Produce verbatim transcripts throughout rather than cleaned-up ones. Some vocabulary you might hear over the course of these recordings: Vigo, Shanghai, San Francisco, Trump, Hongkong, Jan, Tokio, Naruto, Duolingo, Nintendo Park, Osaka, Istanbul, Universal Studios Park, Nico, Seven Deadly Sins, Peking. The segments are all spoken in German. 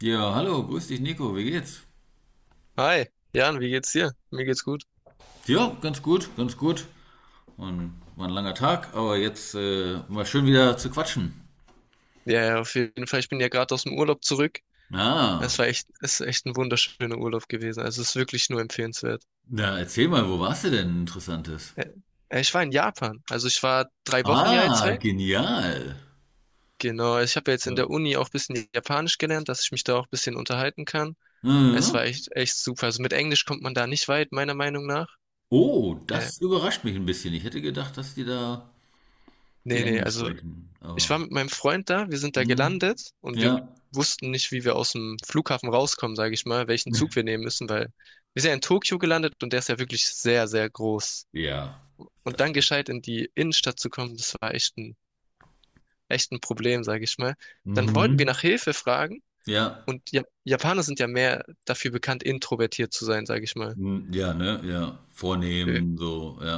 Ja, hallo, grüß dich Nico, wie geht's? Hi, Jan, wie geht's dir? Mir geht's gut. Ja, ganz gut, ganz gut. Und war ein langer Tag, aber jetzt äh, mal schön wieder zu quatschen. Ja, ja, auf jeden Fall. Ich bin ja gerade aus dem Urlaub zurück. Es Ah, war echt, es ist echt ein wunderschöner Urlaub gewesen. Also es ist wirklich nur empfehlenswert. na, erzähl mal, wo warst du denn Interessantes? Äh, äh, Ich war in Japan. Also ich war drei Wochen ja jetzt Ah, weg. genial. Genau, ich habe ja jetzt in Ja. der Uni auch ein bisschen Japanisch gelernt, dass ich mich da auch ein bisschen unterhalten kann. Es war Mhm. echt, echt super. Also mit Englisch kommt man da nicht weit, meiner Meinung nach. Oh, Äh, das überrascht mich ein bisschen. Ich hätte gedacht, dass die da viel Nee, nee, Englisch also sprechen, ich aber war mit meinem Freund da, wir sind da hm, gelandet und wir ja. wussten nicht, wie wir aus dem Flughafen rauskommen, sage ich mal, welchen Zug wir nehmen müssen, weil wir sind ja in Tokio gelandet und der ist ja wirklich sehr, sehr groß. Ja, Und dann das. gescheit in die Innenstadt zu kommen, das war echt ein, echt ein Problem, sage ich mal. Dann wollten wir nach Mhm. Hilfe fragen Ja, und ja, Japaner sind ja mehr dafür bekannt, introvertiert zu sein, sage ich mal. hm, ja, ne, ja, Äh, vornehmen so, ja,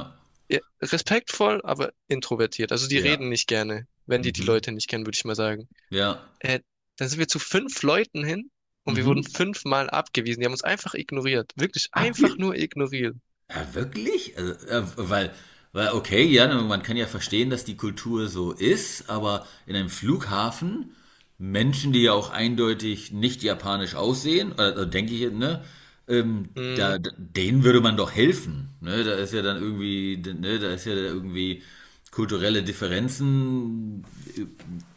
ja, respektvoll, aber introvertiert. Also die ja. reden nicht gerne, wenn die die Mhm. Leute nicht kennen, würde ich mal sagen. Ja. Äh, Dann sind wir zu fünf Leuten hin und wir wurden Mhm. fünfmal abgewiesen. Die haben uns einfach ignoriert. Wirklich Abge einfach nur ignoriert. ja, wirklich? Also, äh, weil, weil, okay, ja, ne, man kann ja verstehen, dass die Kultur so ist, aber in einem Flughafen, Menschen, die ja auch eindeutig nicht japanisch aussehen, also denke ich, ne, ähm, Hm, da, da- denen würde man doch helfen. Ne? Da ist ja dann irgendwie, ne, da ist ja irgendwie kulturelle Differenzen,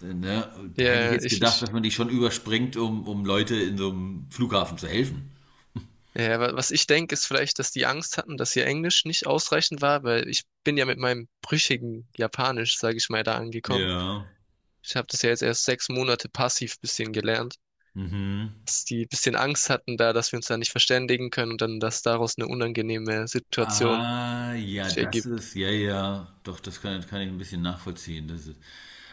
äh, ne? Da hätte ich ja, jetzt ich, gedacht, ich, dass man die schon überspringt, um, um Leute in so einem Flughafen zu helfen. ja, wa- was ich denke, ist vielleicht, dass die Angst hatten, dass ihr Englisch nicht ausreichend war, weil ich bin ja mit meinem brüchigen Japanisch, sage ich mal, da angekommen. Ja. Ich habe das ja jetzt erst sechs Monate passiv bisschen gelernt. Mhm. Dass die ein bisschen Angst hatten da, dass wir uns da nicht verständigen können und dann, dass daraus eine unangenehme Situation Ah, ja, sich das ergibt. ist, ja, ja, doch, das kann, kann ich ein bisschen nachvollziehen. Das ist,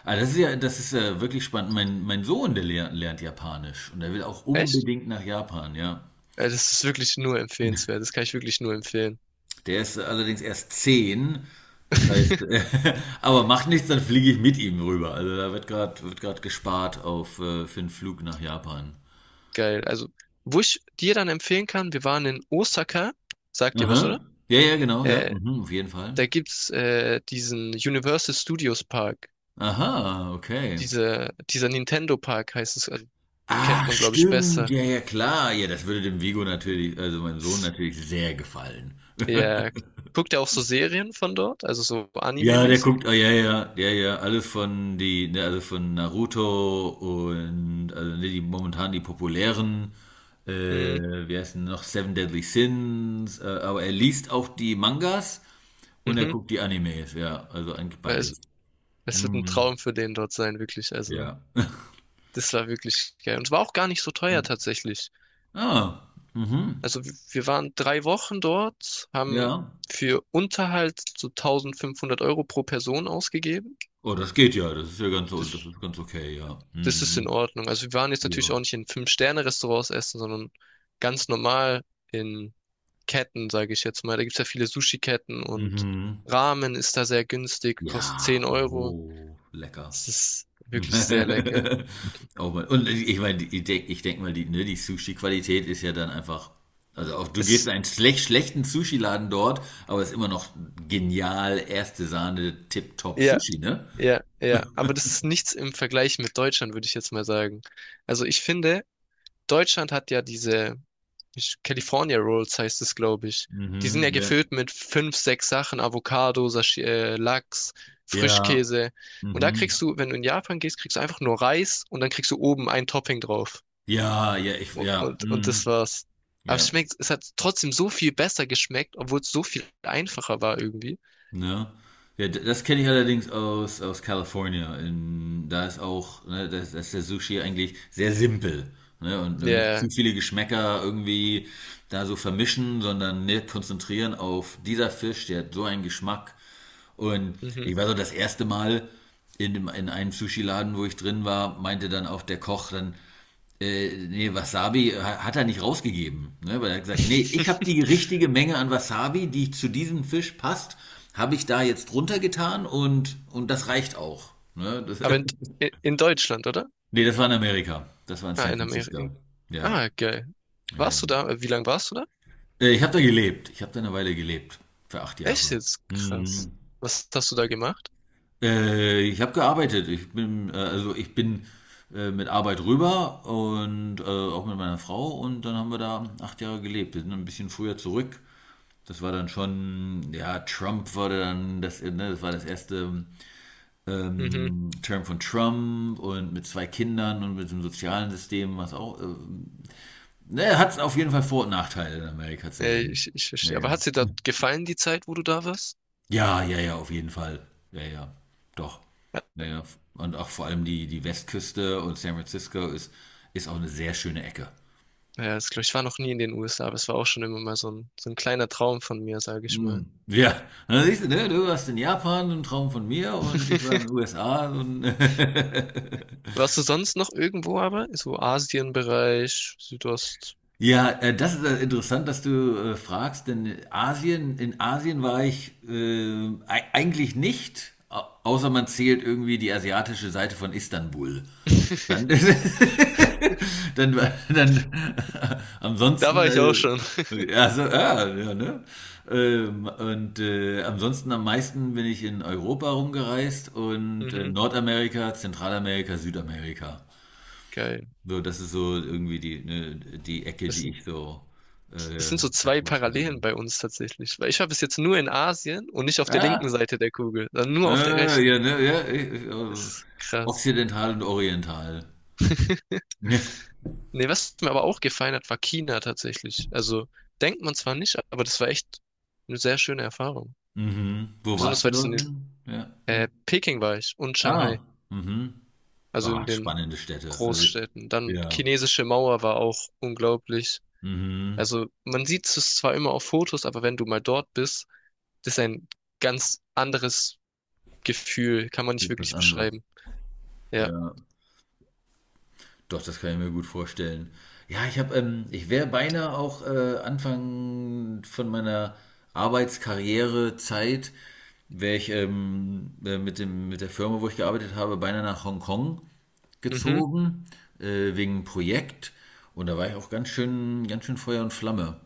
ah, das ist ja, das ist äh, wirklich spannend. Mein, mein Sohn, der lernt, lernt Japanisch und er will auch Echt? unbedingt nach Japan, ja. Äh, Das ist wirklich nur empfehlenswert. Das kann ich wirklich nur empfehlen. Der ist allerdings erst zehn, das heißt, aber macht nichts, dann fliege ich mit ihm rüber. Also da wird gerade wird gerade gespart auf äh, für einen Flug nach Japan. Geil. Also, wo ich dir dann empfehlen kann, wir waren in Osaka, sagt dir was, oder? Aha. Ja, ja, genau, ja. Äh, Mhm, auf jeden Fall. Da gibt's äh, diesen Universal Studios Park. Aha, okay. Diese, dieser Nintendo Park heißt es, also, kennt Ach, man, glaube ich, stimmt. besser. Ja, ja, klar. Ja, das würde dem Vigo natürlich, also meinem Sohn Das, natürlich sehr gefallen. ja. Guckt er auch so Serien von dort, also so Ja, der Anime-mäßig? guckt, ah, ja, ja, ja, ja, alles von die, ne, also von Naruto und also ne, die momentan die populären, äh, Mhm. wie heißt denn noch, Seven Deadly Sins, äh, aber er liest auch die Mangas und er Mhm. guckt die Animes, ja, also eigentlich Weil Es, beides. es wird ein Mhm. Traum für den dort sein, wirklich. Also, Ja. das war wirklich geil. Und es war auch gar nicht so teuer tatsächlich. Ah, mhm. Also w- wir waren drei Wochen dort, haben Ja. für Unterhalt so tausendfünfhundert Euro pro Person ausgegeben. Oh, das geht ja, das ist ja ganz, o- das Das, ist ganz okay, ja. das ist in Mhm. Ordnung. Also wir waren jetzt natürlich Ja. auch nicht in Fünf-Sterne-Restaurants essen, sondern ganz normal in Ketten, sage ich jetzt mal. Da gibt's ja viele Sushi-Ketten und Mhm. Ramen ist da sehr günstig, kostet zehn Ja, Euro. oh, lecker. Es ist wirklich sehr lecker. Oh Mann. Und ich meine, ich denke ich denk mal, die, ne, die Sushi-Qualität ist ja dann einfach, also auch du gehst in Es, einen schlecht, schlechten Sushi-Laden dort, aber es ist immer noch genial, erste Sahne, tipptopp ja, Sushi, ne? ja, ja. Aber das ist nichts im Vergleich mit Deutschland, würde ich jetzt mal sagen. Also ich finde, Deutschland hat ja diese ich- California Rolls heißt es, glaube ich. Die sind ja Mhm, ja. gefüllt mit fünf, sechs Sachen, Avocado, Sashi äh, Lachs, Ja, Frischkäse. Und da mhm. kriegst du, wenn du in Japan gehst, kriegst du einfach nur Reis und dann kriegst du oben ein Topping drauf. Ja, ja, ich, U- ja, Und, und das mhm. war's. Aber es Ja. schmeckt, es hat trotzdem so viel besser geschmeckt, obwohl es so viel einfacher war irgendwie. Ne? Ja, d- das kenne ich allerdings aus, aus California. In, da ist auch, ne, da ist, da ist der Sushi eigentlich sehr simpel. Ne? Und, und nicht Ja. zu viele Geschmäcker irgendwie da so vermischen, sondern ne, konzentrieren auf dieser Fisch, der hat so einen Geschmack. Und Mhm. ich war so das erste Mal in, dem- in einem Sushi-Laden, wo ich drin war, meinte dann auch der Koch dann, äh, nee, Wasabi hat er nicht rausgegeben. Ne? Weil er hat gesagt, nee, ich habe die richtige Menge an Wasabi, die zu diesem Fisch passt, habe ich da jetzt drunter getan und, und das reicht auch. Ne? Das, Aber in, in Deutschland, oder? nee, das war in Amerika. Das war in Ah, San in Francisco. Amerika. Ja. Ah, geil. Warst du Ähm, da? Wie lange warst du da? äh, ich habe da gelebt. Ich habe da eine Weile gelebt. Für acht Echt Jahre. jetzt? Krass. Mhm. Was hast du da gemacht? Äh, ich habe gearbeitet. Ich bin, äh, also ich bin äh, mit Arbeit rüber und äh, auch mit meiner Frau und dann haben wir da acht Jahre gelebt. Wir sind ein bisschen früher zurück. Das war dann schon, ja, Trump war dann, das, äh, ne, das war das erste Mhm. ähm, Term von Trump und mit zwei Kindern und mit dem sozialen System, was auch, äh, ne, hat auf jeden Fall Vor- und Nachteile in Amerika zu Ja, leben. ich, ich Ja, verstehe. Aber ja. hat dir da gefallen, die Zeit, wo du da warst? Ja, ja, ja, auf jeden Fall. Ja, ja, doch. Ja, Ja, ja. Und auch vor allem die, die Westküste und San Francisco ist, ist auch eine sehr schöne Ecke. ja, das, glaub ich ich war noch nie in den U S A, aber es war auch schon immer mal so ein, so ein kleiner Traum von mir, sage ich mal. Hm. Ja, und dann siehst du, ne, du warst in Japan, ein Traum von mir und ich war in den U S A und Warst du sonst noch irgendwo aber? So Asienbereich, Südost. ja, äh, das ist äh, interessant, dass du äh, fragst, denn Asien, in Asien war ich äh, ei- eigentlich nicht, au- außer man zählt irgendwie die asiatische Seite von Istanbul. Dann, dann, dann, Da ansonsten, war ich auch äh, schon. also ja, ja, ne? Ähm, und äh, ansonsten am meisten bin ich in Europa rumgereist und äh, Mhm. Nordamerika, Zentralamerika, Südamerika. Geil. So, das ist so irgendwie die, ne, die Ecke, Das, die sind- ich so das äh, sind so zwei erforscht habe. Parallelen bei uns tatsächlich. Weil ich war bis jetzt nur in Asien und nicht auf der linken Ah, Seite der Kugel, sondern nur auf der äh, ja, rechten. ne, ja, ich, Das äh, ist krass. Okzidental und Oriental. Ja. Nee, was mir aber auch gefallen hat, war China tatsächlich. Also denkt man zwar nicht, aber das war echt eine sehr schöne Erfahrung. Mhm. Wo Besonders warst du weil das in dort den, hin? Ja, äh, in Peking war ich und Ah, Shanghai, mhm. also in Ah, den spannende Städte. Also, Großstädten. Dann ja, Chinesische Mauer war auch unglaublich. mhm. Also man sieht es zwar immer auf Fotos, aber wenn du mal dort bist, das ist ein ganz anderes Gefühl, kann man nicht Ist was wirklich anderes. beschreiben. Ja, Ja, doch, das kann ich mir gut vorstellen. Ja, ich habe, ähm, ich wäre beinahe auch äh, Anfang von meiner Arbeitskarrierezeit, wäre ich ähm, äh, mit dem, mit der Firma, wo ich gearbeitet habe, beinahe nach Hongkong mhm, gezogen, äh, wegen einem Projekt. Und da war ich auch ganz schön, ganz schön Feuer und Flamme.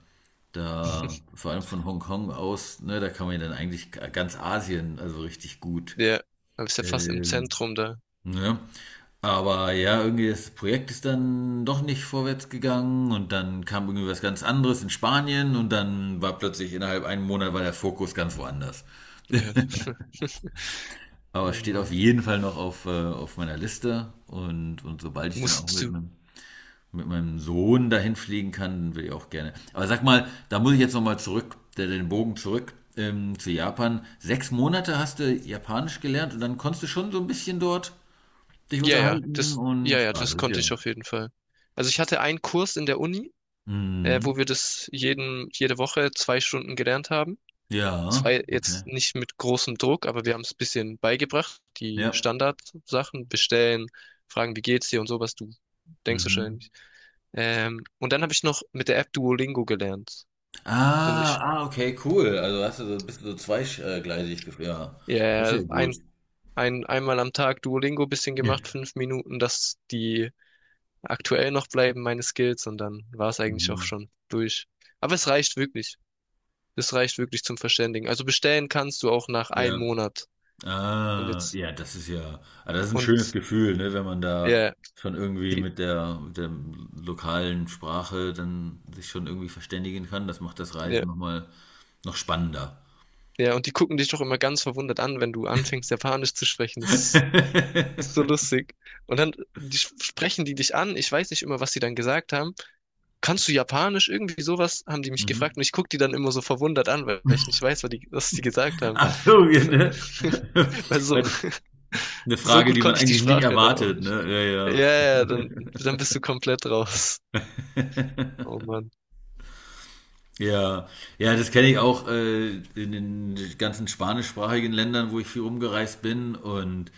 Da, vor allem von Hongkong aus, ne, da kann man ja dann eigentlich g- ganz Asien, also richtig gut. ja, aber ist ja fast im Ähm, Zentrum da. ne? Aber ja, irgendwie das Projekt ist dann doch nicht vorwärts gegangen und dann kam irgendwie was ganz anderes in Spanien und dann war plötzlich innerhalb einem Monat war der Fokus ganz woanders. Ja. Aber es Oh steht auf Mann. jeden Fall noch auf, äh, auf meiner Liste und, und sobald ich dann auch Musst mit du, einem mit meinem Sohn dahin fliegen kann, dann will ich auch gerne. Aber sag mal, da muss ich jetzt nochmal zurück, der- den Bogen zurück ähm, zu Japan. Sechs Monate hast du Japanisch gelernt und dann konntest du schon so ein bisschen dort dich ja, ja, unterhalten das, ja, und. ja, Ah, das das ist konnte ja. ich auf jeden Fall. Also ich hatte einen Kurs in der Uni, äh, wo Mhm. wir das jeden, jede Woche zwei Stunden gelernt haben. Ja, Zwei okay. jetzt nicht mit großem Druck, aber wir haben es ein bisschen beigebracht. Die Ja. Standardsachen, bestellen, fragen, wie geht's dir und sowas, du denkst Mhm. wahrscheinlich. Ähm, und dann habe ich noch mit der App Duolingo gelernt, um Ah, mich, ah, okay, cool. Also hast du so ein bisschen so zweigleisig gefühlt. Ja, das ist ja, ja gut. ein, ein, einmal am Tag Duolingo bisschen Ja. gemacht, fünf Minuten, dass die aktuell noch bleiben, meine Skills, und dann war es eigentlich auch Mhm. schon durch. Aber es reicht wirklich. Es reicht wirklich zum Verständigen. Also bestellen kannst du auch nach einem Ja. Monat. Und Ah, jetzt, ja, das ist ja, ah, das ist ein schönes und Gefühl, ne, wenn man da ja, schon irgendwie die, mit der, mit der lokalen Sprache dann sich schon irgendwie verständigen kann. Das macht das ja, Reisen nochmal noch spannender. ja, und die gucken dich doch immer ganz verwundert an, wenn du anfängst, Japanisch zu sprechen. Das ist, das ist so lustig. Und dann die, sprechen die dich an. Ich weiß nicht immer, was sie dann gesagt haben. Kannst du Japanisch? Irgendwie sowas haben die mich gefragt. Mhm. Und ich guck die dann immer so verwundert an, weil ich nicht weiß, was die, was die gesagt haben. Ach so, Das, ja, ne? äh, weil so. Weil Eine So Frage, gut die man konnte ich die eigentlich nie Sprache dann auch erwartet, nicht. ne? Ja, Ja, ja. ja, dann, dann bist du komplett raus. Oh Mann. Ja, ja, das kenne ich auch äh, in den ganzen spanischsprachigen Ländern, wo ich viel rumgereist bin. Und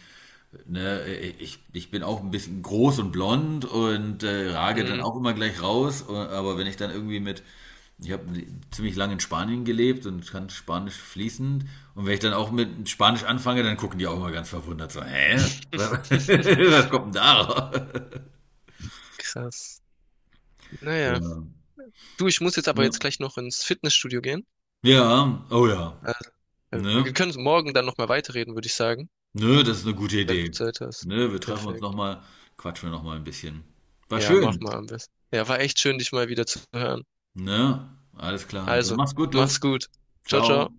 Ne, äh, ich, ich bin auch ein bisschen groß und blond und äh, rage dann Hm. auch immer gleich raus. Und- Aber wenn ich dann irgendwie mit, ich habe ziemlich lange in Spanien gelebt und kann Spanisch fließend. Und wenn ich dann auch mit Spanisch anfange, dann gucken die auch immer ganz verwundert so, hä? Was, kommt denn da? Raus?" Krass. Ja. Naja. Du, ich muss jetzt aber Ne. jetzt gleich noch ins Fitnessstudio gehen. Ja, oh ja. Also, äh, Ne? wir können morgen dann nochmal weiterreden, würde ich sagen, Ne, das ist eine gute wenn du Idee. Zeit hast. Ne, wir treffen uns Perfekt. nochmal, quatschen wir nochmal ein bisschen. War Ja, mach schön. mal am besten. Ja, war echt schön, dich mal wieder zu hören. Ne? Alles klar. Dann Also, mach's gut, du. mach's gut. Ciao, ciao. Ciao.